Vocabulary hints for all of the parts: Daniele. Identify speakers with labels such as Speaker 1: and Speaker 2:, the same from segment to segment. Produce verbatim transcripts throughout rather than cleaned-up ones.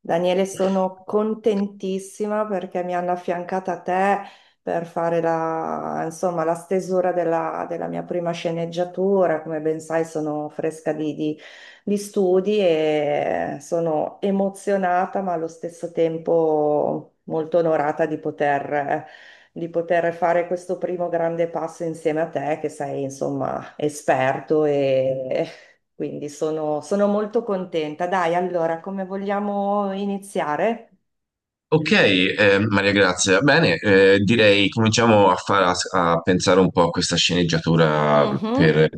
Speaker 1: Daniele, sono contentissima perché mi hanno affiancata a te per fare la, insomma, la stesura della, della mia prima sceneggiatura. Come ben sai, sono fresca di, di- di studi e sono emozionata, ma allo stesso tempo molto onorata di poter, di poter fare questo primo grande passo insieme a te, che sei, insomma, esperto e quindi sono, sono molto contenta. Dai, allora, come vogliamo iniziare?
Speaker 2: Ok, eh, Maria Grazia, bene, eh, direi cominciamo a, far- a- a pensare un po' a questa sceneggiatura
Speaker 1: Mhm.
Speaker 2: per,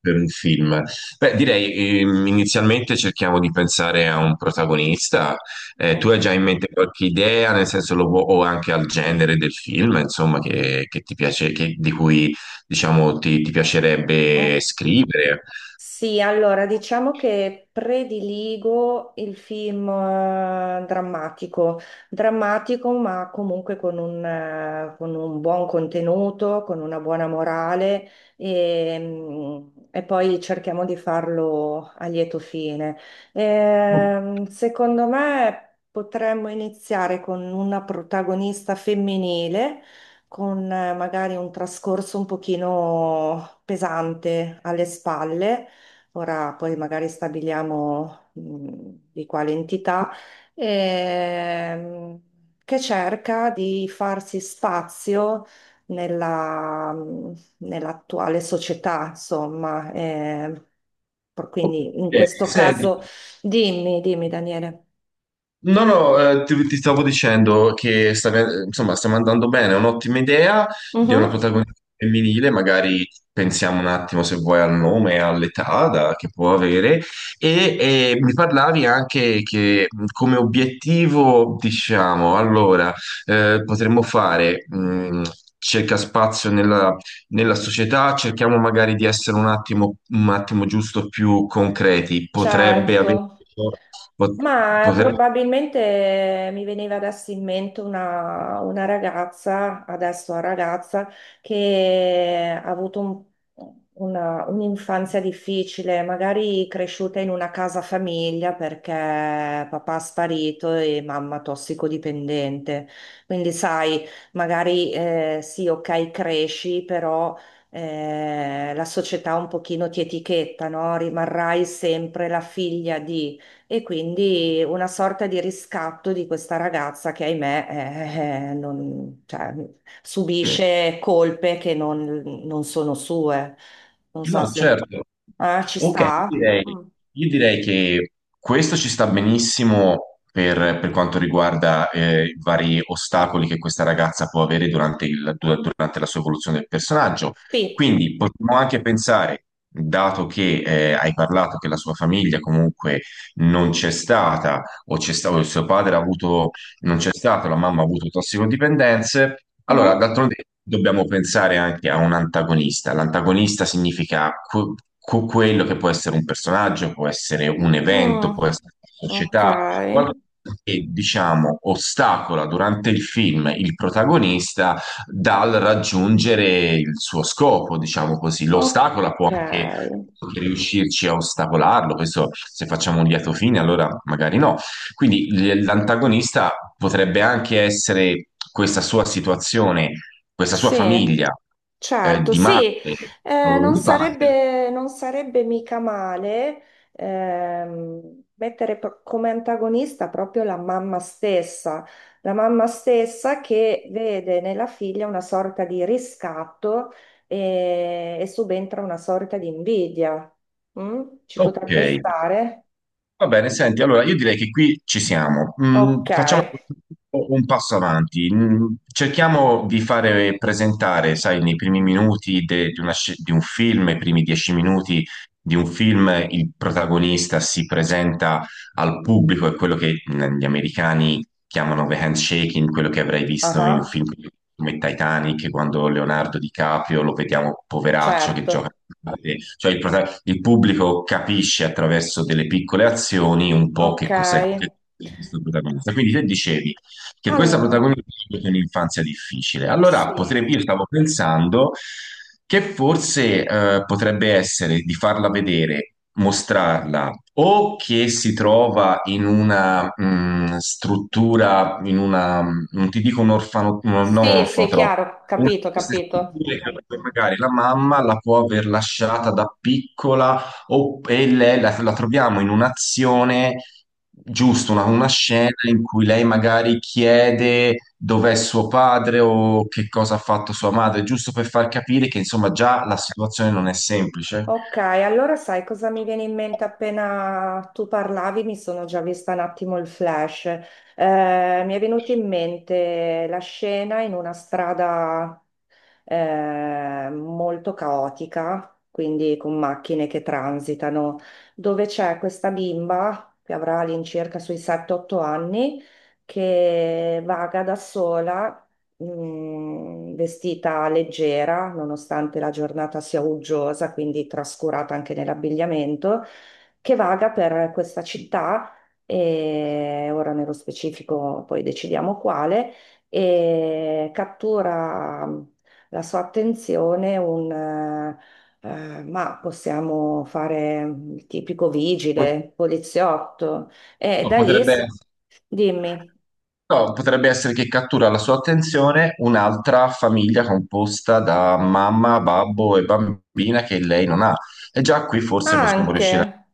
Speaker 2: per un film. Beh, direi ehm, inizialmente cerchiamo di pensare a un protagonista. Eh, tu hai già in mente qualche idea, nel senso lo, vu- o anche al genere del film, insomma, che, che ti piace, che- di cui diciamo ti, ti piacerebbe scrivere?
Speaker 1: Sì, allora diciamo che prediligo il film eh, drammatico, drammatico ma comunque con un, eh, con un buon contenuto, con una buona morale e, mm, e poi cerchiamo di farlo a lieto fine. Ehm, secondo me potremmo iniziare con una protagonista femminile con eh, magari un trascorso un pochino pesante alle spalle. Ora poi magari stabiliamo mh, di quale entità, ehm, che cerca di farsi spazio nella, mh, nell'attuale società, insomma. Eh, per-
Speaker 2: Ok,
Speaker 1: quindi in questo
Speaker 2: senti.
Speaker 1: caso, dimmi, dimmi Daniele.
Speaker 2: No, no, eh, ti, ti stavo dicendo che sta- insomma, stiamo andando bene, è un'ottima idea di una
Speaker 1: Mhm,
Speaker 2: protagonista femminile, magari pensiamo un attimo se vuoi al nome, all'età da- che può avere, e, eh, mi parlavi anche che mh, come obiettivo, diciamo, allora, eh, potremmo fare... mh, cerca spazio nella, nella società, cerchiamo magari di essere un attimo, un attimo giusto più concreti. Potrebbe avere,
Speaker 1: certo.
Speaker 2: pot-
Speaker 1: Ma
Speaker 2: poter.
Speaker 1: probabilmente mi veniva adesso in mente una, una ragazza, adesso una ragazza, che ha avuto un- una- un'infanzia difficile, magari cresciuta in una casa famiglia perché papà è sparito e mamma tossicodipendente. Quindi sai, magari eh, sì, ok, cresci, però eh, la società un pochino ti etichetta, no? Rimarrai sempre la figlia di... E quindi una sorta di riscatto di questa ragazza che, ahimè, eh, eh, non- cioè,
Speaker 2: Ok.
Speaker 1: subisce colpe che non, non sono sue. Non so
Speaker 2: No,
Speaker 1: se...
Speaker 2: certo.
Speaker 1: Ah, ci
Speaker 2: Ok, io
Speaker 1: sta?
Speaker 2: direi,
Speaker 1: Mm.
Speaker 2: io direi che questo ci sta benissimo per, per quanto riguarda eh, i vari ostacoli che questa ragazza può avere durante, il- du- durante la sua evoluzione del personaggio.
Speaker 1: Sì.
Speaker 2: Quindi potremmo anche pensare, dato che eh, hai parlato che la sua famiglia comunque non c'è stata, o c'è stato, il suo padre ha avuto non c'è stato, la mamma ha avuto tossicodipendenze. Allora,
Speaker 1: Mhm.
Speaker 2: d'altronde dobbiamo pensare anche a un antagonista. L'antagonista significa que- que- quello che può essere un personaggio, può essere un evento, può
Speaker 1: Mm.
Speaker 2: essere una
Speaker 1: Ok,
Speaker 2: società, qualcosa che diciamo ostacola durante il film il protagonista dal raggiungere il suo scopo, diciamo così. L'ostacola può
Speaker 1: ok,
Speaker 2: anche riuscirci a ostacolarlo, questo se facciamo un lieto fine, allora magari no, quindi l- l'antagonista potrebbe anche essere questa sua situazione, questa sua
Speaker 1: sì.
Speaker 2: famiglia eh,
Speaker 1: Certo,
Speaker 2: di
Speaker 1: sì,
Speaker 2: madre
Speaker 1: eh,
Speaker 2: o
Speaker 1: non
Speaker 2: di padre.
Speaker 1: sarebbe, non sarebbe mica male ehm, mettere pro- come antagonista proprio la mamma stessa, la mamma stessa che vede nella figlia una sorta di riscatto e, e subentra una sorta di invidia. Mm? Ci
Speaker 2: Ok,
Speaker 1: potrebbe stare?
Speaker 2: va bene, senti, allora io direi che qui ci siamo. Mm,
Speaker 1: Ok,
Speaker 2: facciamo un passo avanti. Mm, cerchiamo di fare presentare, sai, nei primi minuti de- di, una sc- di un film, i primi dieci minuti di un film, il protagonista si presenta al pubblico, è quello che mm, gli americani chiamano The Handshaking, quello che avrai visto in un
Speaker 1: ah,
Speaker 2: film come Titanic, quando Leonardo DiCaprio lo vediamo poveraccio che gioca.
Speaker 1: certo,
Speaker 2: Cioè il, prota- il pubblico capisce attraverso delle piccole azioni un po'
Speaker 1: ok.
Speaker 2: che cos'è che cos'è questo protagonista. Quindi te dicevi che questa
Speaker 1: Allora,
Speaker 2: protagonista ha avuto un'infanzia difficile. Allora
Speaker 1: sì,
Speaker 2: potrebbe, io stavo pensando che forse eh, potrebbe essere di farla vedere, mostrarla o che si trova in una mh, struttura, in una, mh, non ti dico un orfano, no, non un
Speaker 1: sì, sì,
Speaker 2: orfanotrofio,
Speaker 1: chiaro,
Speaker 2: una di
Speaker 1: capito,
Speaker 2: queste
Speaker 1: capito.
Speaker 2: strutture che magari la mamma la può aver lasciata da piccola o, e lei la, la troviamo in un'azione, giusto, una,
Speaker 1: Mm.
Speaker 2: una scena in cui lei magari chiede dov'è suo padre o che cosa ha fatto sua madre, giusto per far capire che insomma già la situazione non è semplice.
Speaker 1: Ok, allora sai cosa mi viene in mente appena tu parlavi? Mi sono già vista un attimo il flash. Eh, mi è venuto in mente la scena in una strada eh, molto caotica, quindi con macchine che transitano, dove c'è questa bimba che avrà all'incirca sui sette otto anni che vaga da sola, mh, vestita leggera, nonostante la giornata sia uggiosa, quindi trascurata anche nell'abbigliamento, che vaga per questa città, e ora nello specifico poi decidiamo quale, e cattura la sua attenzione un, eh, eh, ma possiamo fare il tipico vigile, poliziotto, e
Speaker 2: Ma
Speaker 1: da lì,
Speaker 2: potrebbe
Speaker 1: si-
Speaker 2: essere.
Speaker 1: Dimmi,
Speaker 2: No, potrebbe essere che cattura la sua attenzione un'altra famiglia composta da mamma, babbo e bambina che lei non ha. E già qui forse possiamo riuscire a...
Speaker 1: anche,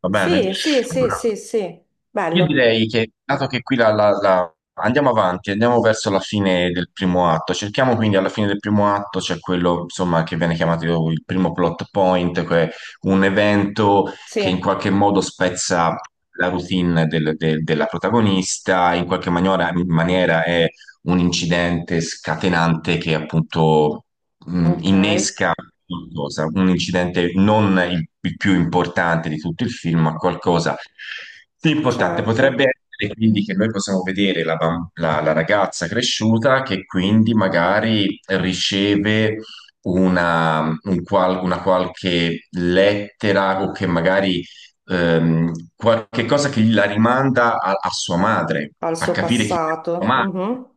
Speaker 2: Va bene?
Speaker 1: sì, sì, sì,
Speaker 2: Allora,
Speaker 1: sì, sì,
Speaker 2: io
Speaker 1: bello,
Speaker 2: direi che, dato che qui la, la- la- andiamo avanti, andiamo verso la fine del primo atto, cerchiamo quindi alla fine del primo atto, c'è quello insomma che viene chiamato il primo plot point, che è un evento che in
Speaker 1: sì,
Speaker 2: qualche modo spezza la routine del- del- della protagonista, in qualche maniera, maniera è un incidente scatenante che appunto mh,
Speaker 1: ok,
Speaker 2: innesca qualcosa, un incidente non il, il più importante di tutto il film, ma qualcosa di importante. Potrebbe
Speaker 1: certo,
Speaker 2: essere quindi che noi possiamo vedere la, bam- la- la ragazza cresciuta che quindi magari riceve una, un qual- una qualche lettera o che magari ehm, qualche cosa che la rimanda a, a sua madre,
Speaker 1: al
Speaker 2: a
Speaker 1: suo
Speaker 2: capire chi è sua
Speaker 1: passato.
Speaker 2: madre.
Speaker 1: Mhm.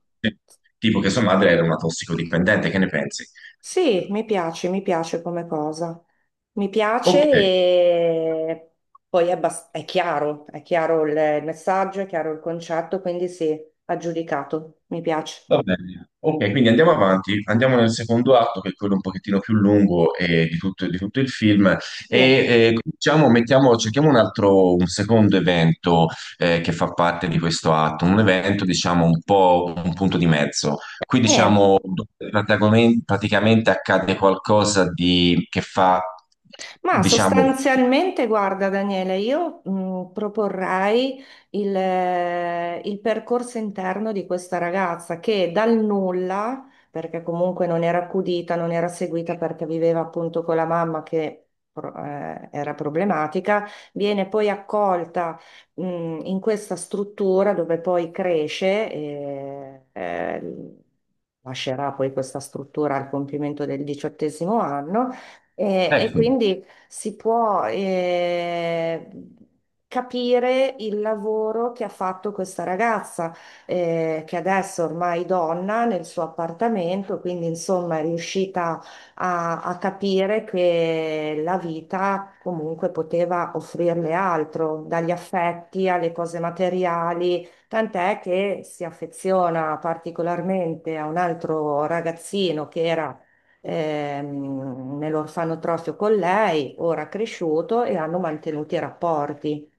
Speaker 2: Tipo che sua madre era una tossicodipendente, che ne pensi?
Speaker 1: Sì, mi piace, mi piace come cosa. Mi piace
Speaker 2: Ok,
Speaker 1: e poi è, abbas- è chiaro, è chiaro il il messaggio, è chiaro il concetto, quindi sì, aggiudicato, mi piace.
Speaker 2: va bene. Ok, quindi andiamo avanti, andiamo nel secondo atto, che è quello un pochettino più lungo eh, di tutto, di tutto il film, e
Speaker 1: Sì,
Speaker 2: eh, cominciamo- mettiamo- cerchiamo un altro, un secondo evento eh, che fa parte di questo atto, un evento diciamo un po' un punto di mezzo. Qui
Speaker 1: niente.
Speaker 2: diciamo dove protagomen- praticamente accade qualcosa di, che fa,
Speaker 1: Ma
Speaker 2: diciamo,
Speaker 1: sostanzialmente, guarda Daniele, io mh, proporrei il, eh, il percorso interno di questa ragazza che dal nulla, perché comunque non era accudita, non era seguita perché viveva appunto con la mamma che pro- eh, era problematica, viene poi accolta mh, in questa struttura dove poi cresce e eh, lascerà poi questa struttura al compimento del diciottesimo anno. E, e
Speaker 2: ecco.
Speaker 1: quindi si può eh, capire il lavoro che ha fatto questa ragazza, eh, che adesso ormai è donna nel suo appartamento, quindi insomma è riuscita a, a capire che la vita comunque poteva offrirle altro, dagli affetti alle cose materiali, tant'è che si affeziona particolarmente a un altro ragazzino che era ehm, nell'orfanotrofio con lei, ora cresciuto, e hanno mantenuto i rapporti.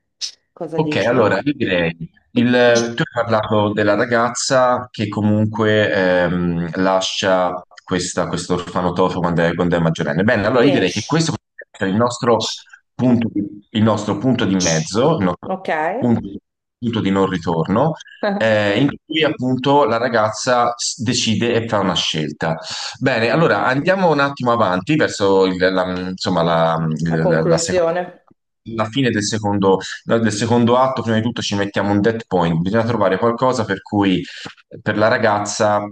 Speaker 1: Cosa
Speaker 2: Ok,
Speaker 1: dici?
Speaker 2: allora io direi, il- tu hai parlato della ragazza che comunque ehm, lascia questa- questo orfanotrofio quando è, quando è maggiorenne. Bene, allora io direi che
Speaker 1: Sì.
Speaker 2: questo potrebbe essere il nostro punto, di- il nostro punto di mezzo, il nostro
Speaker 1: Ok.
Speaker 2: punto, punto di non ritorno, eh, in cui appunto la ragazza s- decide e fa una scelta. Bene, allora andiamo un attimo avanti verso il- la, insomma, la,
Speaker 1: La
Speaker 2: la la seconda-
Speaker 1: conclusione.
Speaker 2: la fine del secondo, nel secondo atto, prima di tutto, ci mettiamo un dead point. Bisogna trovare qualcosa per cui per la ragazza,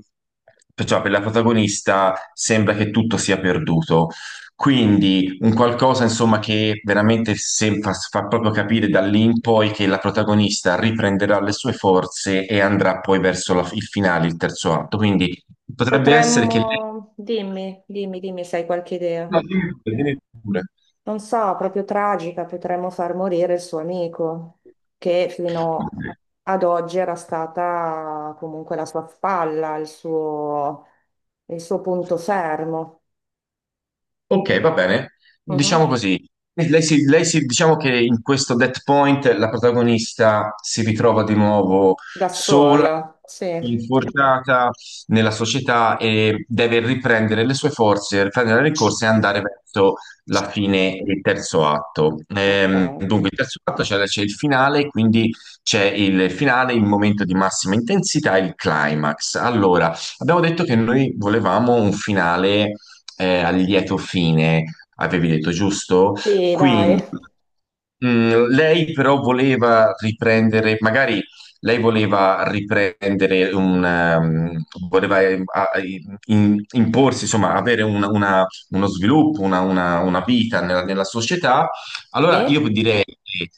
Speaker 2: per- cioè per la protagonista, sembra che tutto sia perduto. Quindi un qualcosa, insomma, che veramente se- fa, fa proprio capire da lì in poi che la protagonista riprenderà le sue forze e andrà poi verso la- il finale, il terzo atto. Quindi potrebbe essere che lei...
Speaker 1: Potremmo, dimmi, dimmi, dimmi se hai qualche idea.
Speaker 2: No, dimmi pure, dimmi pure.
Speaker 1: Non so, proprio tragica, potremmo far morire il suo amico, che fino ad oggi era stata comunque la sua spalla, il suo, il suo punto fermo.
Speaker 2: Ok, va bene.
Speaker 1: Mhm.
Speaker 2: Diciamo così. Lei si, lei si- diciamo che in questo dead point la protagonista si ritrova di nuovo
Speaker 1: Da
Speaker 2: sola,
Speaker 1: sola, sì.
Speaker 2: infortunata nella società e deve riprendere le sue forze, riprendere le ricorse e andare verso la fine del terzo atto.
Speaker 1: Ok.
Speaker 2: Ehm, dunque, il terzo atto c'è c'è il finale, quindi c'è il finale, il momento di massima intensità, il climax. Allora, abbiamo detto che noi volevamo un finale eh, a lieto fine, avevi detto, giusto?
Speaker 1: Sì,
Speaker 2: Quindi
Speaker 1: dai.
Speaker 2: mm, lei però voleva riprendere, magari lei voleva riprendere un, ehm, voleva eh, a- in- imporsi, insomma, avere una- una- uno sviluppo, una, una- una vita nella, nella società, allora
Speaker 1: Sì,
Speaker 2: io direi che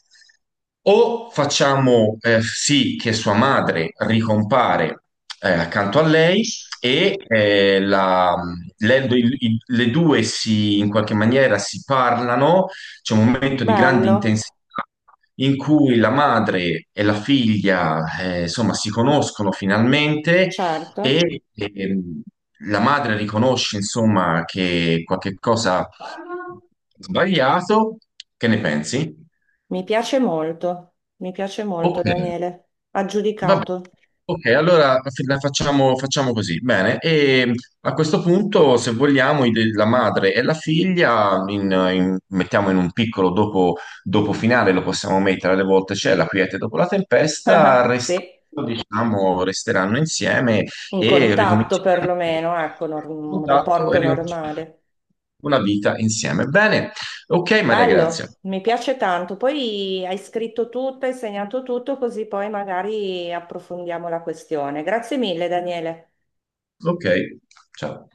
Speaker 2: o facciamo eh, sì che sua madre ricompare eh, accanto a lei e eh, la- le, i- le due si, in qualche maniera si parlano, c'è un momento di grande
Speaker 1: bello,
Speaker 2: intensità in cui la madre e la figlia eh, insomma si conoscono finalmente
Speaker 1: certo.
Speaker 2: e ehm, la madre riconosce, insomma, che qualche cosa è sbagliato. Che ne pensi?
Speaker 1: Mi piace molto, mi piace molto,
Speaker 2: Ok,
Speaker 1: Daniele.
Speaker 2: va bene.
Speaker 1: Aggiudicato.
Speaker 2: Ok, allora f- la facciamo, facciamo così. Bene, e a questo punto, se vogliamo, i de- la madre e la figlia in- in- mettiamo in un piccolo dopo, dopo finale, lo possiamo mettere, alle volte c'è la quiete dopo la tempesta,
Speaker 1: Eh,
Speaker 2: rest-
Speaker 1: sì,
Speaker 2: diciamo, resteranno insieme
Speaker 1: in
Speaker 2: e
Speaker 1: contatto
Speaker 2: ricominceranno il
Speaker 1: perlomeno, ecco, nor- un
Speaker 2: contatto e
Speaker 1: rapporto
Speaker 2: ricominceranno
Speaker 1: normale.
Speaker 2: una vita insieme. Bene, ok Maria, grazie.
Speaker 1: Bello, mi piace tanto. Poi hai scritto tutto, hai segnato tutto, così poi magari approfondiamo la questione. Grazie mille, Daniele.
Speaker 2: Ok, ciao.